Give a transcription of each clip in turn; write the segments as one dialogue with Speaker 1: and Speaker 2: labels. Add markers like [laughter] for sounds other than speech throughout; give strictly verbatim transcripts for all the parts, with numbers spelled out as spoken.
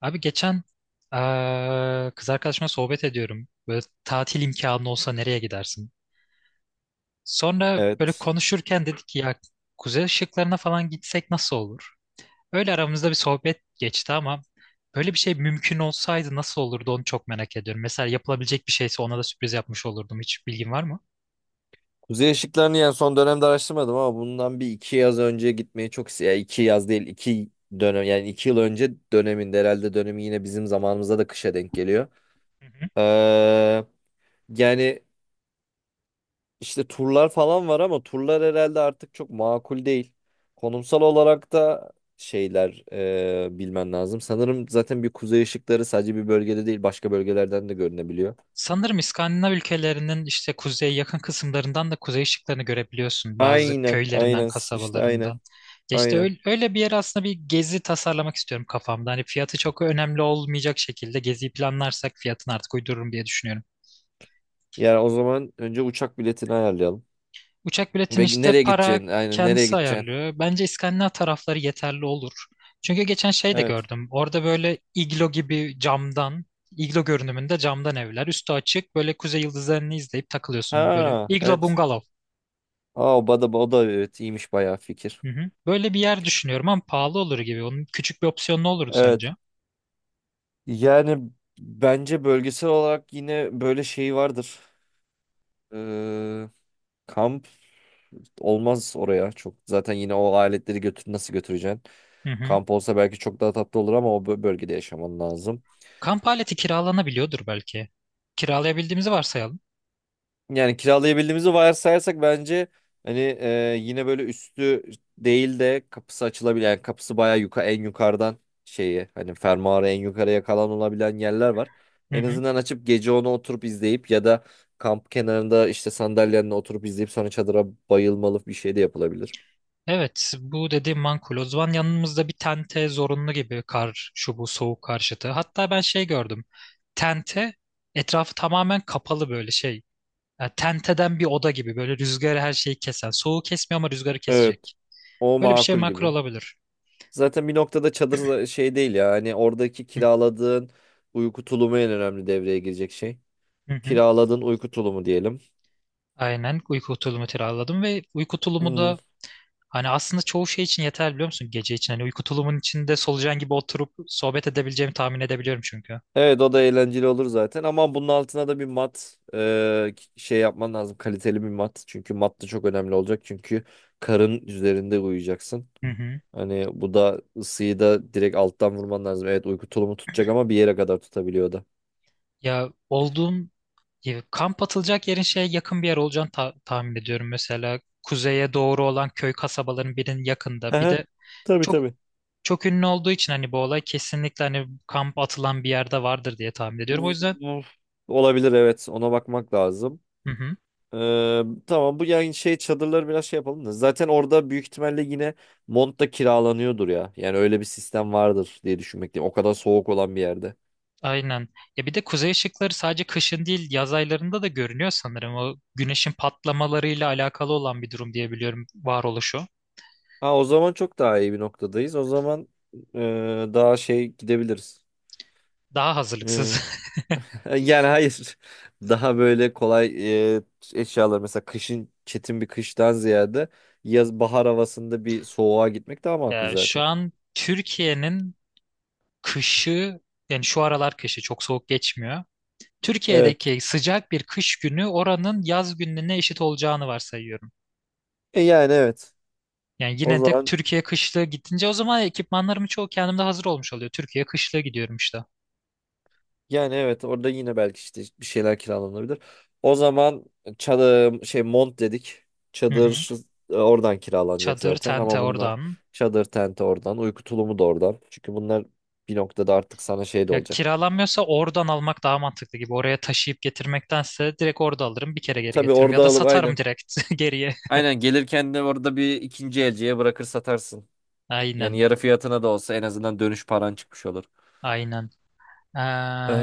Speaker 1: Abi geçen eee, kız arkadaşımla sohbet ediyorum. Böyle tatil imkanı olsa nereye gidersin? Sonra böyle
Speaker 2: Evet.
Speaker 1: konuşurken dedik ki ya kuzey ışıklarına falan gitsek nasıl olur? Öyle aramızda bir sohbet geçti ama böyle bir şey mümkün olsaydı nasıl olurdu onu çok merak ediyorum. Mesela yapılabilecek bir şeyse ona da sürpriz yapmış olurdum. Hiç bilgin var mı?
Speaker 2: Kuzey ışıklarını yani son dönemde araştırmadım ama bundan bir iki yaz önce gitmeyi çok istiyorum. Yani iki yaz değil iki dönem yani iki yıl önce döneminde herhalde dönemi yine bizim zamanımızda da kışa denk geliyor.
Speaker 1: Hı hı.
Speaker 2: Ee, yani işte turlar falan var ama turlar herhalde artık çok makul değil. Konumsal olarak da şeyler e, bilmen lazım. Sanırım zaten bir kuzey ışıkları sadece bir bölgede değil başka bölgelerden de görünebiliyor.
Speaker 1: Sanırım İskandinav ülkelerinin işte kuzeye yakın kısımlarından da kuzey ışıklarını görebiliyorsun bazı
Speaker 2: Aynen
Speaker 1: köylerinden,
Speaker 2: aynen işte aynen
Speaker 1: kasabalarından. Ya işte
Speaker 2: aynen.
Speaker 1: öyle, öyle bir yer aslında bir gezi tasarlamak istiyorum kafamda. Hani fiyatı çok önemli olmayacak şekilde geziyi planlarsak fiyatını artık uydururum diye düşünüyorum.
Speaker 2: Yani o zaman önce uçak biletini ayarlayalım.
Speaker 1: Uçak biletini
Speaker 2: Ve
Speaker 1: işte
Speaker 2: nereye
Speaker 1: para
Speaker 2: gideceğin? Aynen nereye
Speaker 1: kendisi
Speaker 2: gideceksin?
Speaker 1: ayarlıyor. Bence İskandinav tarafları yeterli olur. Çünkü geçen şey de
Speaker 2: Evet.
Speaker 1: gördüm. Orada böyle iglo gibi camdan iglo görünümünde camdan evler. Üstü açık böyle kuzey yıldızlarını izleyip takılıyorsun. Böyle
Speaker 2: Ha
Speaker 1: iglo
Speaker 2: evet.
Speaker 1: bungalov.
Speaker 2: Aa o da, o da evet iyiymiş bayağı fikir.
Speaker 1: Hı hı. Böyle bir yer düşünüyorum ama pahalı olur gibi. Onun küçük bir opsiyonu ne olurdu
Speaker 2: Evet.
Speaker 1: sence?
Speaker 2: Yani bence bölgesel olarak yine böyle şey vardır. Ee, kamp olmaz oraya çok. Zaten yine o aletleri götür nasıl götüreceksin?
Speaker 1: Hı hı.
Speaker 2: Kamp olsa belki çok daha tatlı olur ama o bö- bölgede yaşaman lazım.
Speaker 1: Kamp aleti kiralanabiliyordur belki. Kiralayabildiğimizi varsayalım.
Speaker 2: Yani kiralayabildiğimizi varsayarsak bence hani e, yine böyle üstü değil de kapısı açılabilir. Yani kapısı bayağı yuka en yukarıdan şeyi hani fermuarı en yukarıya kalan olabilen yerler var.
Speaker 1: Hı
Speaker 2: En
Speaker 1: hı.
Speaker 2: azından açıp gece onu oturup izleyip ya da kamp kenarında işte sandalyenle oturup izleyip sonra çadıra bayılmalı bir şey de yapılabilir.
Speaker 1: Evet, bu dediğim makul. O zaman yanımızda bir tente zorunlu gibi kar, şu bu soğuk karşıtı. Hatta ben şey gördüm. Tente etrafı tamamen kapalı böyle şey. Yani tenteden bir oda gibi böyle rüzgarı her şeyi kesen. Soğuğu kesmiyor ama rüzgarı
Speaker 2: Evet.
Speaker 1: kesecek.
Speaker 2: O
Speaker 1: Böyle bir şey
Speaker 2: makul
Speaker 1: makul
Speaker 2: gibi.
Speaker 1: olabilir.
Speaker 2: Zaten bir noktada çadır da- şey değil ya. Hani oradaki
Speaker 1: Hı
Speaker 2: kiraladığın uyku tulumu en önemli devreye girecek şey.
Speaker 1: hı. Hı.
Speaker 2: Kiraladığın uyku tulumu diyelim.
Speaker 1: Aynen uyku tulumu kiraladım ve uyku tulumu
Speaker 2: Hmm.
Speaker 1: da hani aslında çoğu şey için yeterli biliyor musun gece için? Hani uyku tulumun içinde solucan gibi oturup sohbet edebileceğimi tahmin edebiliyorum çünkü.
Speaker 2: Evet o da eğlenceli olur zaten ama bunun altına da bir mat e, şey yapman lazım. Kaliteli bir mat. Çünkü mat da çok önemli olacak. Çünkü karın üzerinde uyuyacaksın.
Speaker 1: Hı hı.
Speaker 2: Hani bu da ısıyı da direkt alttan vurman lazım. Evet uyku tulumu tutacak ama bir yere kadar tutabiliyor o da.
Speaker 1: Ya olduğum ya kamp atılacak yerin şeye yakın bir yer olacağını ta- tahmin ediyorum. Mesela kuzeye doğru olan köy kasabaların birinin yakında.
Speaker 2: Hı
Speaker 1: Bir
Speaker 2: hı.
Speaker 1: de
Speaker 2: Tabii
Speaker 1: çok
Speaker 2: tabii.
Speaker 1: çok ünlü olduğu için hani bu olay kesinlikle hani kamp atılan bir yerde vardır diye tahmin ediyorum. O yüzden
Speaker 2: Hmm. Olabilir evet ona bakmak lazım.
Speaker 1: hı hı.
Speaker 2: Ee, tamam bu yani şey çadırları biraz şey yapalım da. Zaten orada büyük ihtimalle yine mont da kiralanıyordur ya. Yani öyle bir sistem vardır diye düşünmekteyim. O kadar soğuk olan bir yerde.
Speaker 1: Aynen. Ya bir de kuzey ışıkları sadece kışın değil yaz aylarında da görünüyor sanırım. O güneşin patlamalarıyla alakalı olan bir durum diye biliyorum varoluşu.
Speaker 2: Ha o zaman çok daha iyi bir noktadayız. O zaman e, daha şey gidebiliriz.
Speaker 1: Daha
Speaker 2: Ee,
Speaker 1: hazırlıksız. [laughs]
Speaker 2: [laughs] yani hayır. Daha böyle kolay e, eşyalar mesela kışın çetin bir kıştan ziyade yaz bahar havasında bir soğuğa gitmek daha makul
Speaker 1: Ya şu
Speaker 2: zaten.
Speaker 1: an Türkiye'nin kışı yani şu aralar kışı çok soğuk geçmiyor.
Speaker 2: Evet.
Speaker 1: Türkiye'deki sıcak bir kış günü oranın yaz gününe eşit olacağını varsayıyorum.
Speaker 2: E, yani evet.
Speaker 1: Yani
Speaker 2: O
Speaker 1: yine de
Speaker 2: zaman
Speaker 1: Türkiye kışlığı gidince o zaman ekipmanlarımı çoğu kendimde hazır olmuş oluyor. Türkiye kışlığı gidiyorum işte.
Speaker 2: Yani evet orada yine belki işte bir şeyler kiralanabilir. O zaman çadır şey mont dedik.
Speaker 1: Hı hı.
Speaker 2: Çadır e, oradan kiralanacak
Speaker 1: Çadır,
Speaker 2: zaten
Speaker 1: tente
Speaker 2: ama bunlar
Speaker 1: oradan.
Speaker 2: çadır tenti oradan, uyku tulumu da oradan. Çünkü bunlar bir noktada artık sana şey de
Speaker 1: Ya
Speaker 2: olacak.
Speaker 1: kiralanmıyorsa oradan almak daha mantıklı gibi. Oraya taşıyıp getirmektense direkt orada alırım bir kere geri
Speaker 2: Tabii
Speaker 1: getiririm. Ya
Speaker 2: orada
Speaker 1: da
Speaker 2: alıp
Speaker 1: satarım
Speaker 2: aynen.
Speaker 1: direkt [laughs] geriye.
Speaker 2: Aynen gelirken de orada bir ikinci elciye bırakır satarsın. Yani
Speaker 1: Aynen,
Speaker 2: yarı fiyatına da olsa en azından dönüş paran çıkmış olur.
Speaker 1: aynen. Ee,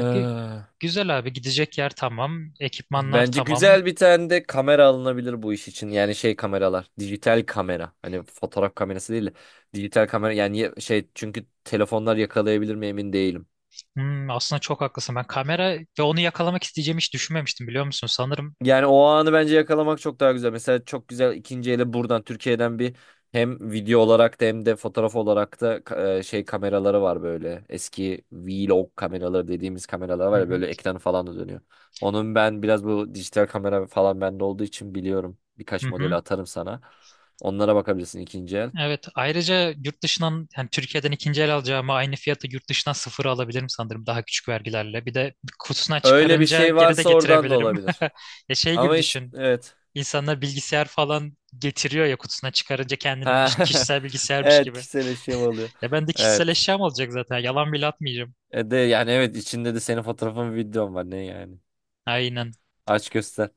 Speaker 1: gü- Güzel abi gidecek yer tamam. Ekipmanlar
Speaker 2: bence
Speaker 1: tamam.
Speaker 2: güzel bir tane de kamera alınabilir bu iş için. Yani şey kameralar, dijital kamera. Hani fotoğraf kamerası değil de dijital kamera yani ye- şey çünkü telefonlar yakalayabilir mi emin değilim.
Speaker 1: Hmm, aslında çok haklısın. Ben kamera ve onu yakalamak isteyeceğimi hiç düşünmemiştim biliyor musun? Sanırım.
Speaker 2: Yani o anı bence yakalamak çok daha güzel. Mesela çok güzel ikinci ele buradan Türkiye'den bir hem video olarak da hem de fotoğraf olarak da e, şey kameraları var böyle. Eski vlog kameraları dediğimiz kameralar
Speaker 1: Hı
Speaker 2: var ya
Speaker 1: hı,
Speaker 2: böyle ekranı falan da dönüyor. Onun ben biraz bu dijital kamera falan bende olduğu için biliyorum.
Speaker 1: hı
Speaker 2: Birkaç modeli
Speaker 1: hı.
Speaker 2: atarım sana. Onlara bakabilirsin ikinci el.
Speaker 1: Evet, ayrıca yurt dışından yani Türkiye'den ikinci el alacağıma aynı fiyatı yurt dışından sıfır alabilirim sanırım daha küçük vergilerle. Bir de kutusuna
Speaker 2: Öyle bir
Speaker 1: çıkarınca
Speaker 2: şey
Speaker 1: geri de
Speaker 2: varsa oradan da
Speaker 1: getirebilirim. [laughs]
Speaker 2: olabilir.
Speaker 1: Ya şey gibi
Speaker 2: Ama işte
Speaker 1: düşün.
Speaker 2: evet.
Speaker 1: İnsanlar bilgisayar falan getiriyor ya kutusuna çıkarınca kendinin
Speaker 2: Ha, [laughs]
Speaker 1: kişisel bilgisayarmış
Speaker 2: evet
Speaker 1: gibi.
Speaker 2: kişisel eşya oluyor.
Speaker 1: Ya ben de kişisel
Speaker 2: Evet.
Speaker 1: eşyam olacak zaten. Yalan bile atmayacağım.
Speaker 2: E de yani evet içinde de senin fotoğrafın videon var ne yani.
Speaker 1: Aynen.
Speaker 2: Aç göster.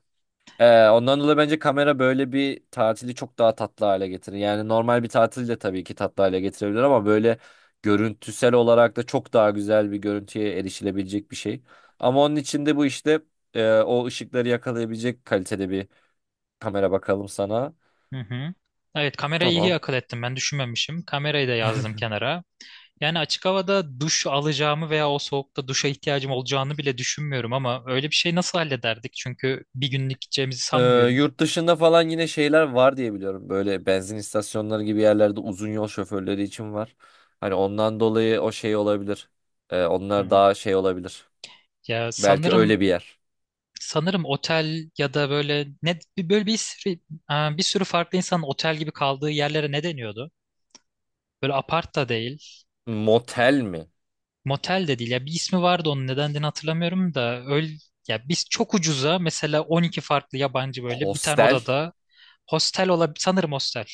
Speaker 2: E, ondan dolayı bence kamera böyle bir tatili çok daha tatlı hale getirir. Yani normal bir tatil de tabii ki tatlı hale getirebilir ama böyle görüntüsel olarak da çok daha güzel bir görüntüye erişilebilecek bir şey. Ama onun için de bu işte e, o ışıkları yakalayabilecek kalitede bir kamera bakalım sana.
Speaker 1: Hı hı. Evet kamerayı iyi
Speaker 2: Tamam.
Speaker 1: akıl ettim ben düşünmemişim. Kamerayı da yazdım kenara. Yani açık havada duş alacağımı veya o soğukta duşa ihtiyacım olacağını bile düşünmüyorum ama öyle bir şey nasıl hallederdik? Çünkü bir günlük gideceğimizi
Speaker 2: Ee,
Speaker 1: sanmıyorum.
Speaker 2: yurt dışında falan yine şeyler var diye biliyorum. Böyle benzin istasyonları gibi yerlerde uzun yol şoförleri için var. Hani ondan dolayı o şey olabilir. Ee, onlar
Speaker 1: Hı.
Speaker 2: daha şey olabilir.
Speaker 1: Ya
Speaker 2: Belki öyle
Speaker 1: sanırım
Speaker 2: bir yer.
Speaker 1: sanırım otel ya da böyle ne bir- böyle bir sürü, e, bir sürü farklı insanın otel gibi kaldığı yerlere ne deniyordu? Böyle apart da değil,
Speaker 2: Motel mi?
Speaker 1: motel de değil. Ya bir ismi vardı onun nedenini hatırlamıyorum da öyle ya biz çok ucuza mesela on iki farklı yabancı böyle bir tane
Speaker 2: Hostel?
Speaker 1: odada hostel olabilir sanırım hostel.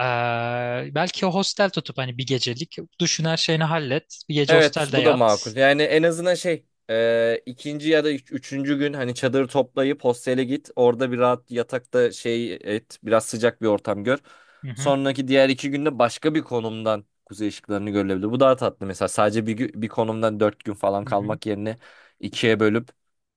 Speaker 1: E, Belki hostel tutup hani bir gecelik düşün her şeyini hallet. Bir gece
Speaker 2: Evet,
Speaker 1: hostelde
Speaker 2: bu da
Speaker 1: yat.
Speaker 2: makul. Yani en azından şey e, ikinci ya da üç- üçüncü gün hani çadırı toplayıp hostele git. Orada bir rahat yatakta şey et. Biraz sıcak bir ortam gör.
Speaker 1: Hı hı.
Speaker 2: Sonraki diğer iki günde başka bir konumdan kuzey ışıklarını görülebilir. Bu daha tatlı mesela. Sadece bir, gü- bir konumdan dört gün falan
Speaker 1: Hı hı.
Speaker 2: kalmak yerine ikiye bölüp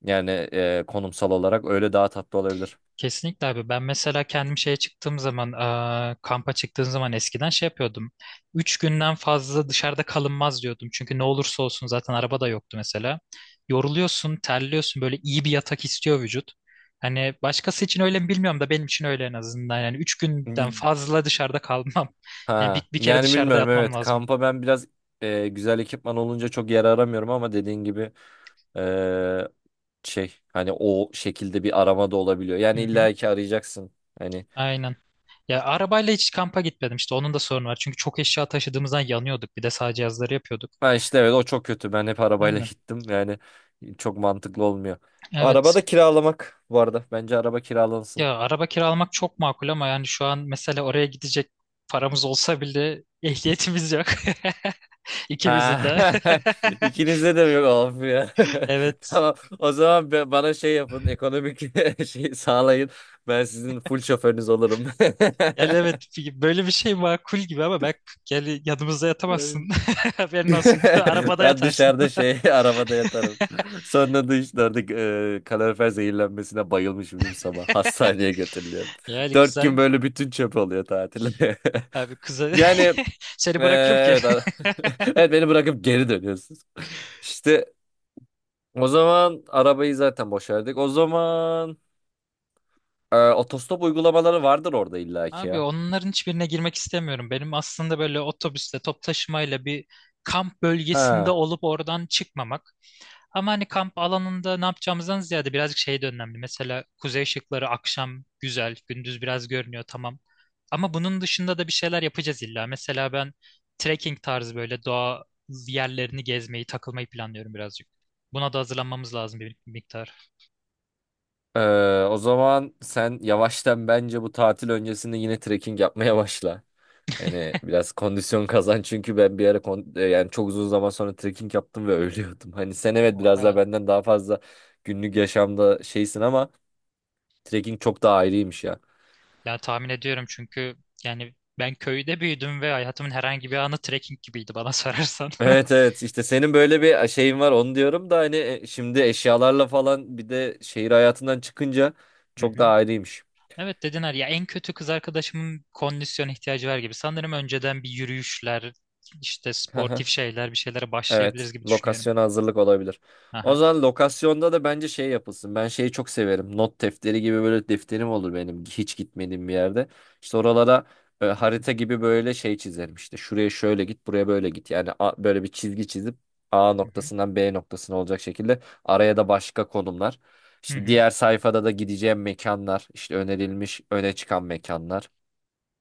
Speaker 2: yani e, konumsal olarak öyle daha tatlı olabilir.
Speaker 1: Kesinlikle abi. Ben mesela kendim şeye çıktığım zaman, eee, kampa çıktığım zaman eskiden şey yapıyordum. Üç günden fazla dışarıda kalınmaz diyordum. Çünkü ne olursa olsun zaten araba da yoktu mesela. Yoruluyorsun, terliyorsun. Böyle iyi bir yatak istiyor vücut. Hani başkası için öyle mi bilmiyorum da benim için öyle en azından. Yani üç günden fazla dışarıda kalmam. [laughs] Yani
Speaker 2: Ha,
Speaker 1: bir, bir kere
Speaker 2: yani
Speaker 1: dışarıda
Speaker 2: bilmiyorum
Speaker 1: yatmam
Speaker 2: evet.
Speaker 1: lazım.
Speaker 2: Kampa ben biraz e, güzel ekipman olunca çok yer aramıyorum ama dediğin gibi şey hani o şekilde bir arama da olabiliyor.
Speaker 1: Hı
Speaker 2: Yani
Speaker 1: hı.
Speaker 2: illa ki arayacaksın. Hani
Speaker 1: Aynen. Ya arabayla hiç kampa gitmedim işte onun da sorunu var. Çünkü çok eşya taşıdığımızdan yanıyorduk. Bir de sağ cihazları yapıyorduk.
Speaker 2: ben işte evet o çok kötü. Ben hep arabayla [laughs]
Speaker 1: Aynen.
Speaker 2: gittim. Yani çok mantıklı olmuyor. Araba
Speaker 1: Evet.
Speaker 2: da kiralamak bu arada. Bence araba kiralansın.
Speaker 1: Ya araba kiralamak çok makul ama yani şu an mesela oraya gidecek paramız olsa bile ehliyetimiz yok. [laughs] İkimizin
Speaker 2: Ha,
Speaker 1: de. [laughs]
Speaker 2: [laughs] ikinizde de mi yok of ya. [laughs]
Speaker 1: Evet.
Speaker 2: Tamam. O zaman be- bana şey yapın. Ekonomik [laughs] şey sağlayın. Ben sizin full şoförünüz olurum.
Speaker 1: Yani
Speaker 2: [laughs]
Speaker 1: evet böyle bir şey makul gibi ama ben yani yanımızda
Speaker 2: Evet.
Speaker 1: yatamazsın. [laughs] Haberin olsun. [laughs]
Speaker 2: [laughs]
Speaker 1: Arabada
Speaker 2: Ben
Speaker 1: yatarsın.
Speaker 2: dışarıda
Speaker 1: [laughs]
Speaker 2: şey [laughs] arabada yatarım. Sonra dışarıda e, kalorifer zehirlenmesine bayılmışım dün sabah. Hastaneye götürülüyor.
Speaker 1: Yani
Speaker 2: Dört gün
Speaker 1: kıza
Speaker 2: böyle bütün çöp oluyor tatil. [laughs]
Speaker 1: abi kıza
Speaker 2: Yani
Speaker 1: [laughs] seni
Speaker 2: e,
Speaker 1: bırakırım ki.
Speaker 2: evet, ara- [laughs] evet beni bırakıp geri dönüyorsunuz. İşte o zaman arabayı zaten boşardık. O zaman e, otostop uygulamaları vardır orada
Speaker 1: [laughs]
Speaker 2: illaki
Speaker 1: Abi
Speaker 2: ya.
Speaker 1: onların hiçbirine girmek istemiyorum. Benim aslında böyle otobüsle, top taşımayla bir kamp bölgesinde
Speaker 2: Ha.
Speaker 1: olup oradan çıkmamak. Ama hani kamp alanında ne yapacağımızdan ziyade birazcık şey de önemli. Mesela kuzey ışıkları akşam güzel, gündüz biraz görünüyor tamam. Ama bunun dışında da bir şeyler yapacağız illa. Mesela ben trekking tarzı böyle doğa yerlerini gezmeyi, takılmayı planlıyorum birazcık. Buna da hazırlanmamız lazım bir miktar.
Speaker 2: e, o zaman sen yavaştan bence bu tatil öncesinde yine trekking yapmaya başla. Hani biraz kondisyon [laughs] kazan çünkü ben bir ara kon- e, yani çok uzun zaman sonra trekking yaptım ve [laughs] ölüyordum. Hani sen evet biraz daha
Speaker 1: Oha.
Speaker 2: benden daha fazla günlük yaşamda şeysin ama trekking çok daha ayrıymış ya.
Speaker 1: Ya tahmin ediyorum çünkü yani ben köyde büyüdüm ve hayatımın herhangi bir anı trekking gibiydi bana sorarsan. [laughs]
Speaker 2: Evet evet işte senin böyle bir şeyin var onu diyorum da hani e, şimdi eşyalarla falan bir de şehir hayatından çıkınca
Speaker 1: Hı
Speaker 2: çok daha
Speaker 1: hı.
Speaker 2: ayrıymış.
Speaker 1: Evet dediler ya en kötü kız arkadaşımın kondisyon ihtiyacı var gibi. Sanırım önceden bir yürüyüşler, işte sportif
Speaker 2: [laughs]
Speaker 1: şeyler, bir şeylere başlayabiliriz
Speaker 2: Evet,
Speaker 1: gibi düşünüyorum.
Speaker 2: lokasyona hazırlık olabilir. O
Speaker 1: Aha.
Speaker 2: zaman lokasyonda da bence şey yapılsın. Ben şeyi çok severim. Not defteri gibi böyle defterim olur benim hiç gitmediğim bir yerde. İşte oralara e, harita gibi böyle şey çizerim. İşte şuraya şöyle git, buraya böyle git. Yani a- böyle bir çizgi çizip A
Speaker 1: Hı hı.
Speaker 2: noktasından B noktasına olacak şekilde araya da başka konumlar.
Speaker 1: Hı
Speaker 2: İşte
Speaker 1: hı.
Speaker 2: diğer sayfada da gideceğim mekanlar, işte önerilmiş öne çıkan mekanlar.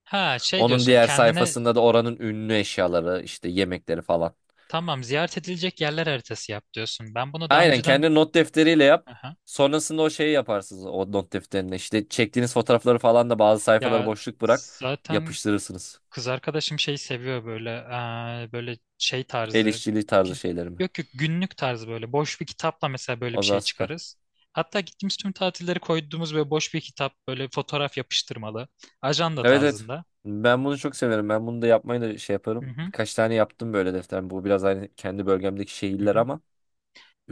Speaker 1: Ha şey
Speaker 2: Onun
Speaker 1: diyorsun
Speaker 2: diğer
Speaker 1: kendine
Speaker 2: sayfasında da oranın ünlü eşyaları, işte yemekleri falan.
Speaker 1: tamam ziyaret edilecek yerler haritası yap diyorsun. Ben bunu daha
Speaker 2: Aynen
Speaker 1: önceden
Speaker 2: kendi not defteriyle yap.
Speaker 1: aha.
Speaker 2: Sonrasında o şeyi yaparsınız o not defterine. İşte çektiğiniz fotoğrafları falan da bazı sayfaları
Speaker 1: Ya
Speaker 2: boşluk bırak
Speaker 1: zaten
Speaker 2: yapıştırırsınız.
Speaker 1: kız arkadaşım şeyi seviyor böyle eee, böyle şey
Speaker 2: El
Speaker 1: tarzı
Speaker 2: işçiliği tarzı şeylerimi
Speaker 1: yok yok günlük tarzı böyle boş bir kitapla mesela böyle
Speaker 2: O
Speaker 1: bir
Speaker 2: zaman
Speaker 1: şey
Speaker 2: süper.
Speaker 1: çıkarız. Hatta gittiğimiz tüm tatilleri koyduğumuz böyle boş bir kitap böyle fotoğraf yapıştırmalı ajanda
Speaker 2: Evet evet.
Speaker 1: tarzında.
Speaker 2: Ben bunu çok severim. Ben bunu da yapmayı da şey
Speaker 1: Hı
Speaker 2: yaparım.
Speaker 1: hı,
Speaker 2: Birkaç tane yaptım böyle defter. Bu biraz aynı kendi bölgemdeki
Speaker 1: hı
Speaker 2: şehirler
Speaker 1: hı.
Speaker 2: ama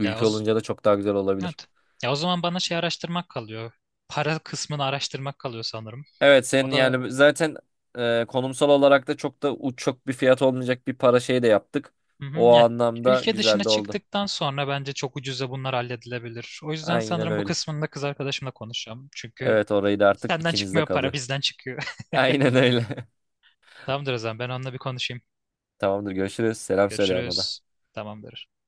Speaker 1: Ya o, z-
Speaker 2: olunca da çok daha güzel olabilir.
Speaker 1: evet. Ya o zaman bana şey araştırmak kalıyor. Para kısmını araştırmak kalıyor sanırım.
Speaker 2: Evet
Speaker 1: O
Speaker 2: senin
Speaker 1: da
Speaker 2: yani zaten e, konumsal olarak da çok da uç- çok bir fiyat olmayacak bir para şey de yaptık.
Speaker 1: hı
Speaker 2: O
Speaker 1: hı, ya
Speaker 2: anlamda
Speaker 1: ülke dışına
Speaker 2: güzel de oldu.
Speaker 1: çıktıktan sonra bence çok ucuza bunlar halledilebilir. O yüzden
Speaker 2: Aynen
Speaker 1: sanırım bu
Speaker 2: öyle.
Speaker 1: kısmında kız arkadaşımla konuşacağım. Çünkü
Speaker 2: Evet orayı da artık
Speaker 1: senden
Speaker 2: ikinizde
Speaker 1: çıkmıyor para
Speaker 2: kalıyor.
Speaker 1: bizden çıkıyor.
Speaker 2: [laughs] Aynen öyle.
Speaker 1: [laughs] Tamamdır o zaman ben onunla bir konuşayım.
Speaker 2: [laughs] Tamamdır görüşürüz. Selam söyle ona da.
Speaker 1: Görüşürüz. Tamamdır.